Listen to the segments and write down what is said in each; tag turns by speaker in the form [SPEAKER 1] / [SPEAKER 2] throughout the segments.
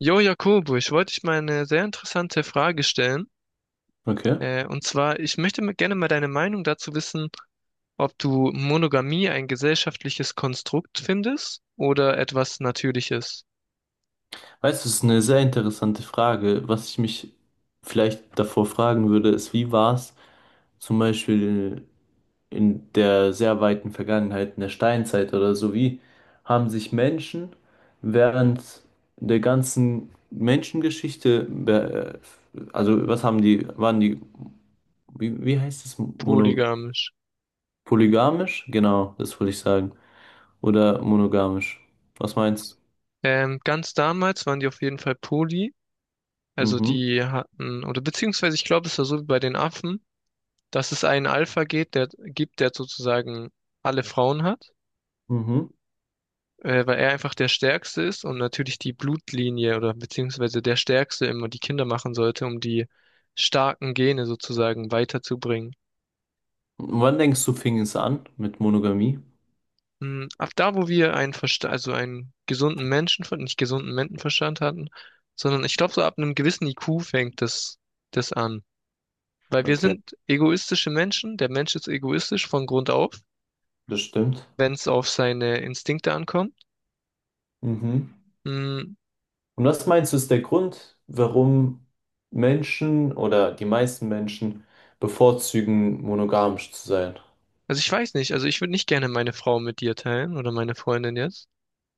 [SPEAKER 1] Jo, Jakobo, ich wollte dich mal eine sehr interessante Frage stellen.
[SPEAKER 2] Okay.
[SPEAKER 1] Und zwar, ich möchte mal gerne mal deine Meinung dazu wissen, ob du Monogamie ein gesellschaftliches Konstrukt findest oder etwas Natürliches,
[SPEAKER 2] Weißt du, es ist eine sehr interessante Frage. Was ich mich vielleicht davor fragen würde, ist: Wie war es zum Beispiel in der sehr weiten Vergangenheit, in der Steinzeit oder so? Wie haben sich Menschen während der ganzen Menschengeschichte, also was haben die, waren die, wie heißt es, mono,
[SPEAKER 1] polygamisch.
[SPEAKER 2] polygamisch? Genau, das wollte ich sagen. Oder monogamisch. Was meinst
[SPEAKER 1] Ganz damals waren die auf jeden Fall poly,
[SPEAKER 2] du?
[SPEAKER 1] also
[SPEAKER 2] Mhm.
[SPEAKER 1] die hatten, oder beziehungsweise ich glaube, es war so wie bei den Affen, dass es einen Alpha geht, der gibt, der sozusagen alle Frauen hat.
[SPEAKER 2] Mhm.
[SPEAKER 1] Weil er einfach der Stärkste ist und natürlich die Blutlinie oder beziehungsweise der Stärkste immer die Kinder machen sollte, um die starken Gene sozusagen weiterzubringen.
[SPEAKER 2] Wann denkst du, fing es an mit Monogamie?
[SPEAKER 1] Ab da, wo wir einen Versta also einen gesunden Menschenverstand, nicht gesunden Menschenverstand hatten, sondern ich glaube, so ab einem gewissen IQ fängt das an. Weil wir
[SPEAKER 2] Okay,
[SPEAKER 1] sind egoistische Menschen, der Mensch ist egoistisch von Grund auf,
[SPEAKER 2] das stimmt.
[SPEAKER 1] wenn es auf seine Instinkte ankommt.
[SPEAKER 2] Mhm.
[SPEAKER 1] Mm.
[SPEAKER 2] Und was meinst du, ist der Grund, warum Menschen oder die meisten Menschen bevorzugen, monogamisch zu sein?
[SPEAKER 1] Also ich weiß nicht, also ich würde nicht gerne meine Frau mit dir teilen oder meine Freundin jetzt.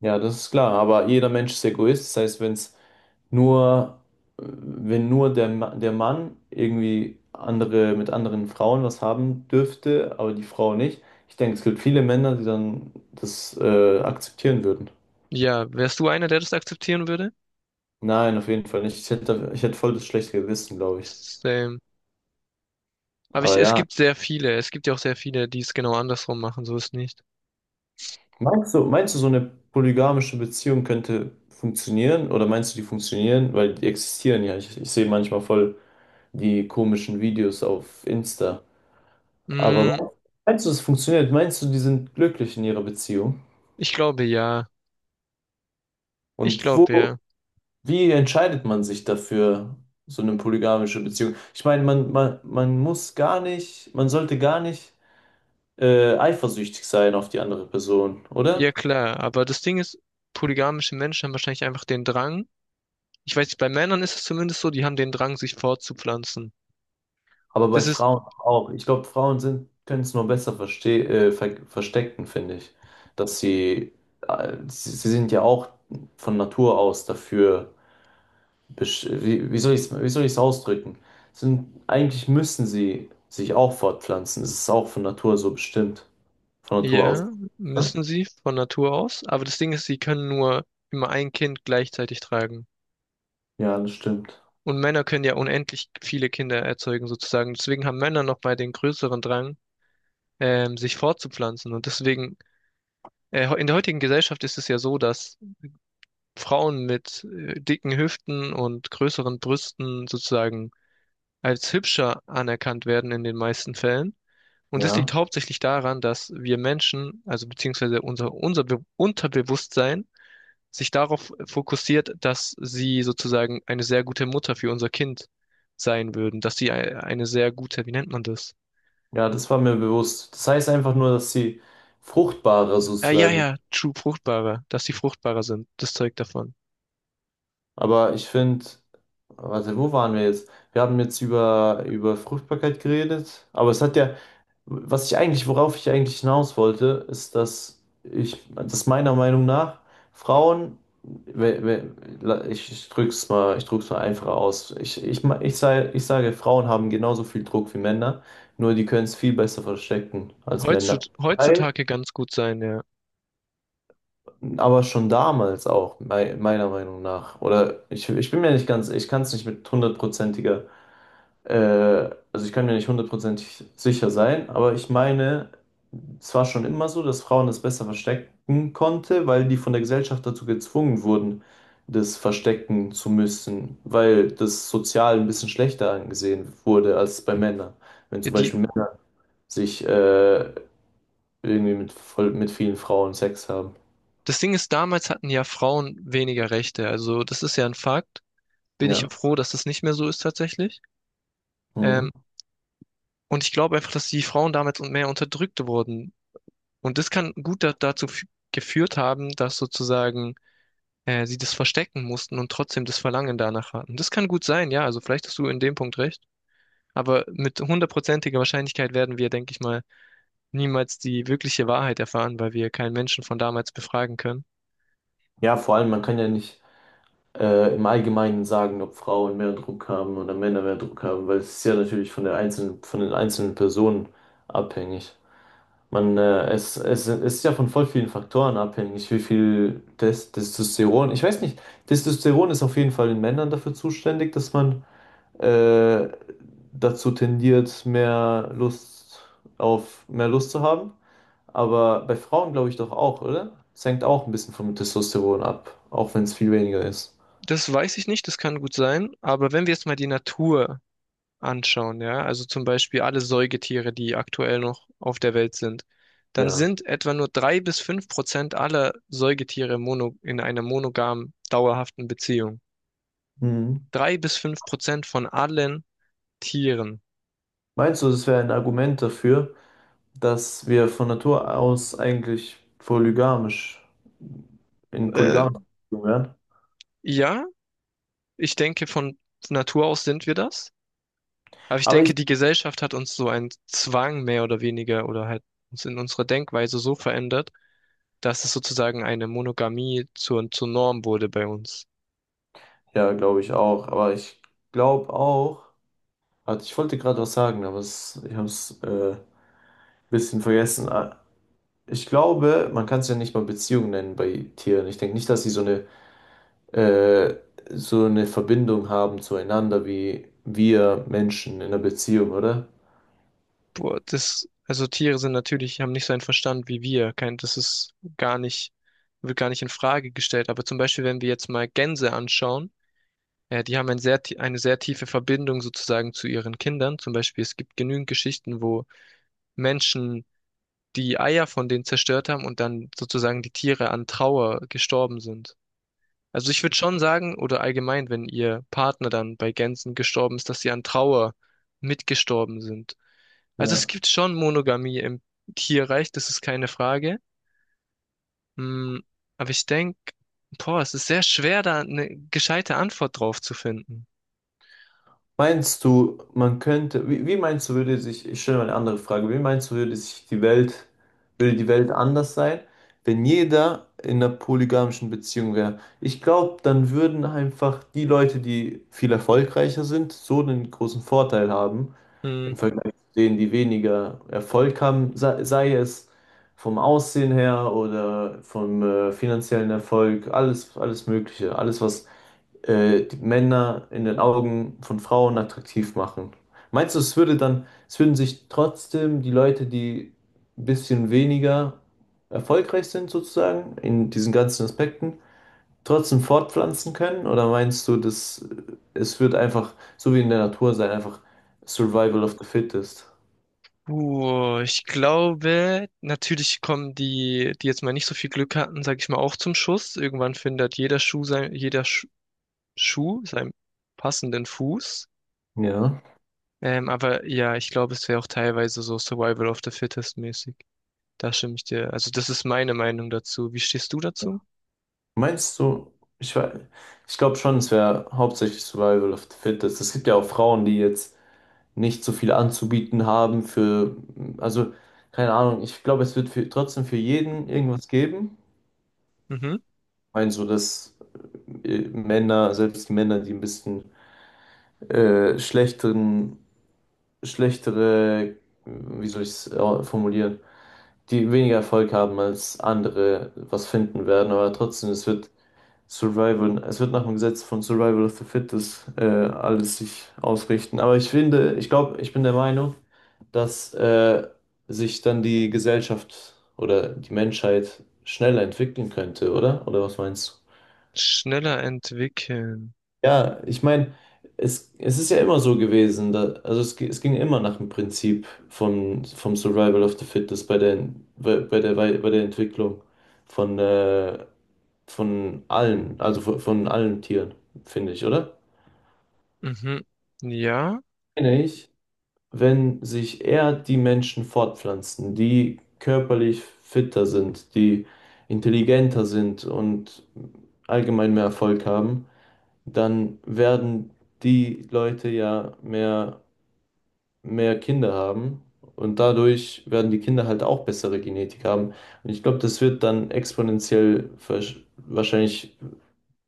[SPEAKER 2] Ja, das ist klar, aber jeder Mensch ist Egoist, das heißt, wenn es nur, wenn nur der, der Mann irgendwie andere, mit anderen Frauen was haben dürfte, aber die Frau nicht, ich denke, es gibt viele Männer, die dann das akzeptieren würden.
[SPEAKER 1] Ja, wärst du einer, der das akzeptieren würde?
[SPEAKER 2] Nein, auf jeden Fall nicht. Ich hätte voll das schlechte Gewissen, glaube ich. Ja.
[SPEAKER 1] Same. Aber ich,
[SPEAKER 2] Aber
[SPEAKER 1] es
[SPEAKER 2] ja.
[SPEAKER 1] gibt sehr viele. Es gibt ja auch sehr viele, die es genau andersrum machen. So ist nicht.
[SPEAKER 2] Meinst du, so eine polygamische Beziehung könnte funktionieren? Oder meinst du, die funktionieren? Weil die existieren ja. Ich sehe manchmal voll die komischen Videos auf Insta. Aber
[SPEAKER 1] Mm,
[SPEAKER 2] meinst du, es funktioniert? Meinst du, die sind glücklich in ihrer Beziehung?
[SPEAKER 1] ich glaube ja. Ich
[SPEAKER 2] Und
[SPEAKER 1] glaube
[SPEAKER 2] wo,
[SPEAKER 1] ja.
[SPEAKER 2] wie entscheidet man sich dafür, so eine polygamische Beziehung? Ich meine, man muss gar nicht, man sollte gar nicht eifersüchtig sein auf die andere Person,
[SPEAKER 1] Ja,
[SPEAKER 2] oder?
[SPEAKER 1] klar. Aber das Ding ist, polygamische Menschen haben wahrscheinlich einfach den Drang. Ich weiß nicht, bei Männern ist es zumindest so, die haben den Drang, sich fortzupflanzen.
[SPEAKER 2] Aber bei
[SPEAKER 1] Das ist,
[SPEAKER 2] Frauen auch. Ich glaube, Frauen sind, können es nur besser verstecken, finde ich. Dass sie, sie sind ja auch von Natur aus dafür, wie soll ich es, wie soll ich's ausdrücken? Sind, eigentlich müssen sie sich auch fortpflanzen. Es ist auch von Natur so bestimmt. Von Natur aus.
[SPEAKER 1] ja,
[SPEAKER 2] Oder?
[SPEAKER 1] müssen sie von Natur aus. Aber das Ding ist, sie können nur immer ein Kind gleichzeitig tragen.
[SPEAKER 2] Ja, das stimmt.
[SPEAKER 1] Und Männer können ja unendlich viele Kinder erzeugen, sozusagen. Deswegen haben Männer noch mal den größeren Drang, sich fortzupflanzen. Und deswegen, in der heutigen Gesellschaft ist es ja so, dass Frauen mit dicken Hüften und größeren Brüsten sozusagen als hübscher anerkannt werden in den meisten Fällen. Und das liegt
[SPEAKER 2] Ja.
[SPEAKER 1] hauptsächlich daran, dass wir Menschen, also beziehungsweise unser Be Unterbewusstsein, sich darauf fokussiert, dass sie sozusagen eine sehr gute Mutter für unser Kind sein würden, dass sie eine sehr gute, wie nennt man das?
[SPEAKER 2] Ja, das war mir bewusst. Das heißt einfach nur, dass sie fruchtbarer sozusagen.
[SPEAKER 1] Ja, true, dass sie fruchtbarer sind, das zeugt davon.
[SPEAKER 2] Aber ich finde. Warte, wo waren wir jetzt? Wir haben jetzt über, über Fruchtbarkeit geredet, aber es hat ja, was ich eigentlich, worauf ich eigentlich hinaus wollte, ist, dass ich, dass meiner Meinung nach Frauen, we- we- ich drück's mal einfach aus. Ich sage, Frauen haben genauso viel Druck wie Männer, nur die können es viel besser verstecken als Männer. Weil,
[SPEAKER 1] Heutzutage ganz gut sein, ja.
[SPEAKER 2] aber schon damals auch, meiner Meinung nach, oder ich bin mir nicht ganz, ich kann es nicht mit hundertprozentiger also ich kann mir nicht hundertprozentig sicher sein, aber ich meine, es war schon immer so, dass Frauen es besser verstecken konnte, weil die von der Gesellschaft dazu gezwungen wurden, das verstecken zu müssen, weil das sozial ein bisschen schlechter angesehen wurde als bei Männern. Wenn
[SPEAKER 1] Ja,
[SPEAKER 2] zum
[SPEAKER 1] die,
[SPEAKER 2] Beispiel Männer sich irgendwie mit, voll, mit vielen Frauen Sex haben.
[SPEAKER 1] das Ding ist, damals hatten ja Frauen weniger Rechte, also das ist ja ein Fakt. Bin ich ja
[SPEAKER 2] Ja.
[SPEAKER 1] froh, dass das nicht mehr so ist tatsächlich. Ähm,
[SPEAKER 2] Mhm.
[SPEAKER 1] und ich glaube einfach, dass die Frauen damals und mehr unterdrückt wurden. Und das kann gut da dazu geführt haben, dass sozusagen sie das verstecken mussten und trotzdem das Verlangen danach hatten. Das kann gut sein, ja, also vielleicht hast du in dem Punkt recht. Aber mit hundertprozentiger Wahrscheinlichkeit werden wir, denke ich mal, niemals die wirkliche Wahrheit erfahren, weil wir keinen Menschen von damals befragen können.
[SPEAKER 2] Ja, vor allem, man kann ja nicht. Im Allgemeinen sagen, ob Frauen mehr Druck haben oder Männer mehr Druck haben, weil es ist ja natürlich von der einzelnen, von den einzelnen Personen abhängig. Man, es ist ja von voll vielen Faktoren abhängig, wie viel Testosteron, ich weiß nicht, Testosteron ist auf jeden Fall in Männern dafür zuständig, dass man äh, dazu tendiert, mehr Lust auf, mehr Lust zu haben. Aber bei Frauen glaube ich doch auch, oder? Es hängt auch ein bisschen vom Testosteron ab, auch wenn es viel weniger ist.
[SPEAKER 1] Das weiß ich nicht, das kann gut sein. Aber wenn wir jetzt mal die Natur anschauen, ja, also zum Beispiel alle Säugetiere, die aktuell noch auf der Welt sind, dann
[SPEAKER 2] Ja.
[SPEAKER 1] sind etwa nur drei bis fünf Prozent aller Säugetiere mono, in einer monogamen, dauerhaften Beziehung.
[SPEAKER 2] Mhm.
[SPEAKER 1] Drei bis fünf Prozent von allen Tieren.
[SPEAKER 2] Meinst du, das wäre ein Argument dafür, dass wir von Natur aus eigentlich polygamisch in
[SPEAKER 1] Äh,
[SPEAKER 2] polygamisch wären?
[SPEAKER 1] ja, ich denke, von Natur aus sind wir das. Aber ich
[SPEAKER 2] Aber ich,
[SPEAKER 1] denke, die Gesellschaft hat uns so einen Zwang mehr oder weniger oder halt uns in unserer Denkweise so verändert, dass es sozusagen eine Monogamie zur Norm wurde bei uns.
[SPEAKER 2] ja, glaube ich auch. Aber ich glaube auch, warte, ich wollte gerade was sagen, aber es, ich habe es ein bisschen vergessen. Ah, ich glaube, man kann es ja nicht mal Beziehung nennen bei Tieren. Ich denke nicht, dass sie äh, so eine Verbindung haben zueinander wie wir Menschen in einer Beziehung, oder?
[SPEAKER 1] Boah, das, also Tiere sind natürlich, haben nicht so einen Verstand wie wir. Kein, das ist gar nicht, wird gar nicht in Frage gestellt. Aber zum Beispiel, wenn wir jetzt mal Gänse anschauen, die haben ein eine sehr tiefe Verbindung sozusagen zu ihren Kindern. Zum Beispiel, es gibt genügend Geschichten, wo Menschen die Eier von denen zerstört haben und dann sozusagen die Tiere an Trauer gestorben sind. Also ich würde schon sagen, oder allgemein, wenn ihr Partner dann bei Gänsen gestorben ist, dass sie an Trauer mitgestorben sind. Also es
[SPEAKER 2] Ja.
[SPEAKER 1] gibt schon Monogamie im Tierreich, das ist keine Frage. Mm, aber ich denke, boah, es ist sehr schwer, da eine gescheite Antwort drauf zu finden.
[SPEAKER 2] Meinst du, man könnte, wie meinst du, würde sich, ich stelle mal eine andere Frage, wie meinst du, würde sich die Welt, würde die Welt anders sein, wenn jeder in einer polygamischen Beziehung wäre? Ich glaube, dann würden einfach die Leute, die viel erfolgreicher sind, so einen großen Vorteil haben im
[SPEAKER 1] Mm.
[SPEAKER 2] Vergleich zu denen, die weniger Erfolg haben, sei es vom Aussehen her oder vom finanziellen Erfolg, alles, alles Mögliche, alles, was die Männer in den Augen von Frauen attraktiv machen. Meinst du, es würde dann, es würden sich trotzdem die Leute, die ein bisschen weniger erfolgreich sind sozusagen in diesen ganzen Aspekten, trotzdem fortpflanzen können? Oder meinst du, dass es wird einfach so wie in der Natur sein, einfach Survival of the Fittest?
[SPEAKER 1] Ich glaube, natürlich kommen die, die jetzt mal nicht so viel Glück hatten, sag ich mal, auch zum Schuss. Irgendwann findet jeder Schuh seinen passenden Fuß.
[SPEAKER 2] Ja.
[SPEAKER 1] Aber ja, ich glaube, es wäre auch teilweise so Survival of the Fittest mäßig. Da stimme ich dir. Also das ist meine Meinung dazu. Wie stehst du dazu?
[SPEAKER 2] Meinst du, ich, wei- ich glaube schon, es wäre hauptsächlich Survival of the Fittest. Es gibt ja auch Frauen, die jetzt nicht so viel anzubieten haben für, also keine Ahnung, ich glaube, es wird für, trotzdem für jeden irgendwas geben.
[SPEAKER 1] Mhm.
[SPEAKER 2] Ich meine, so dass Männer, selbst die Männer, die ein bisschen äh, schlechteren, schlechtere, wie soll ich es formulieren, die weniger Erfolg haben als andere, was finden werden, aber trotzdem, es wird Survival, es wird nach dem Gesetz von Survival of the Fittest alles sich ausrichten. Aber ich finde, ich glaube, ich bin der Meinung, dass sich dann die Gesellschaft oder die Menschheit schneller entwickeln könnte, oder? Oder was meinst du?
[SPEAKER 1] Schneller entwickeln.
[SPEAKER 2] Ja, ich meine, es ist ja immer so gewesen, da, also es ging immer nach dem Prinzip vom Survival of the Fittest bei der, bei der Entwicklung von, äh, von allen, also von allen Tieren, finde ich, oder?
[SPEAKER 1] Mhm. Ja.
[SPEAKER 2] Meine ich, wenn sich eher die Menschen fortpflanzen, die körperlich fitter sind, die intelligenter sind und allgemein mehr Erfolg haben, dann werden die Leute ja mehr, mehr Kinder haben und dadurch werden die Kinder halt auch bessere Genetik haben. Und ich glaube, das wird dann exponentiell wahrscheinlich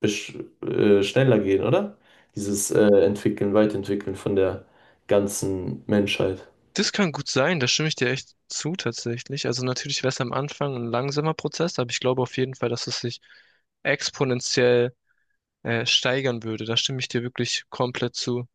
[SPEAKER 2] schneller gehen, oder? Dieses Entwickeln, Weiterentwickeln von der ganzen Menschheit.
[SPEAKER 1] Das kann gut sein, da stimme ich dir echt zu tatsächlich. Also natürlich wäre es am Anfang ein langsamer Prozess, aber ich glaube auf jeden Fall, dass es sich exponentiell steigern würde. Da stimme ich dir wirklich komplett zu.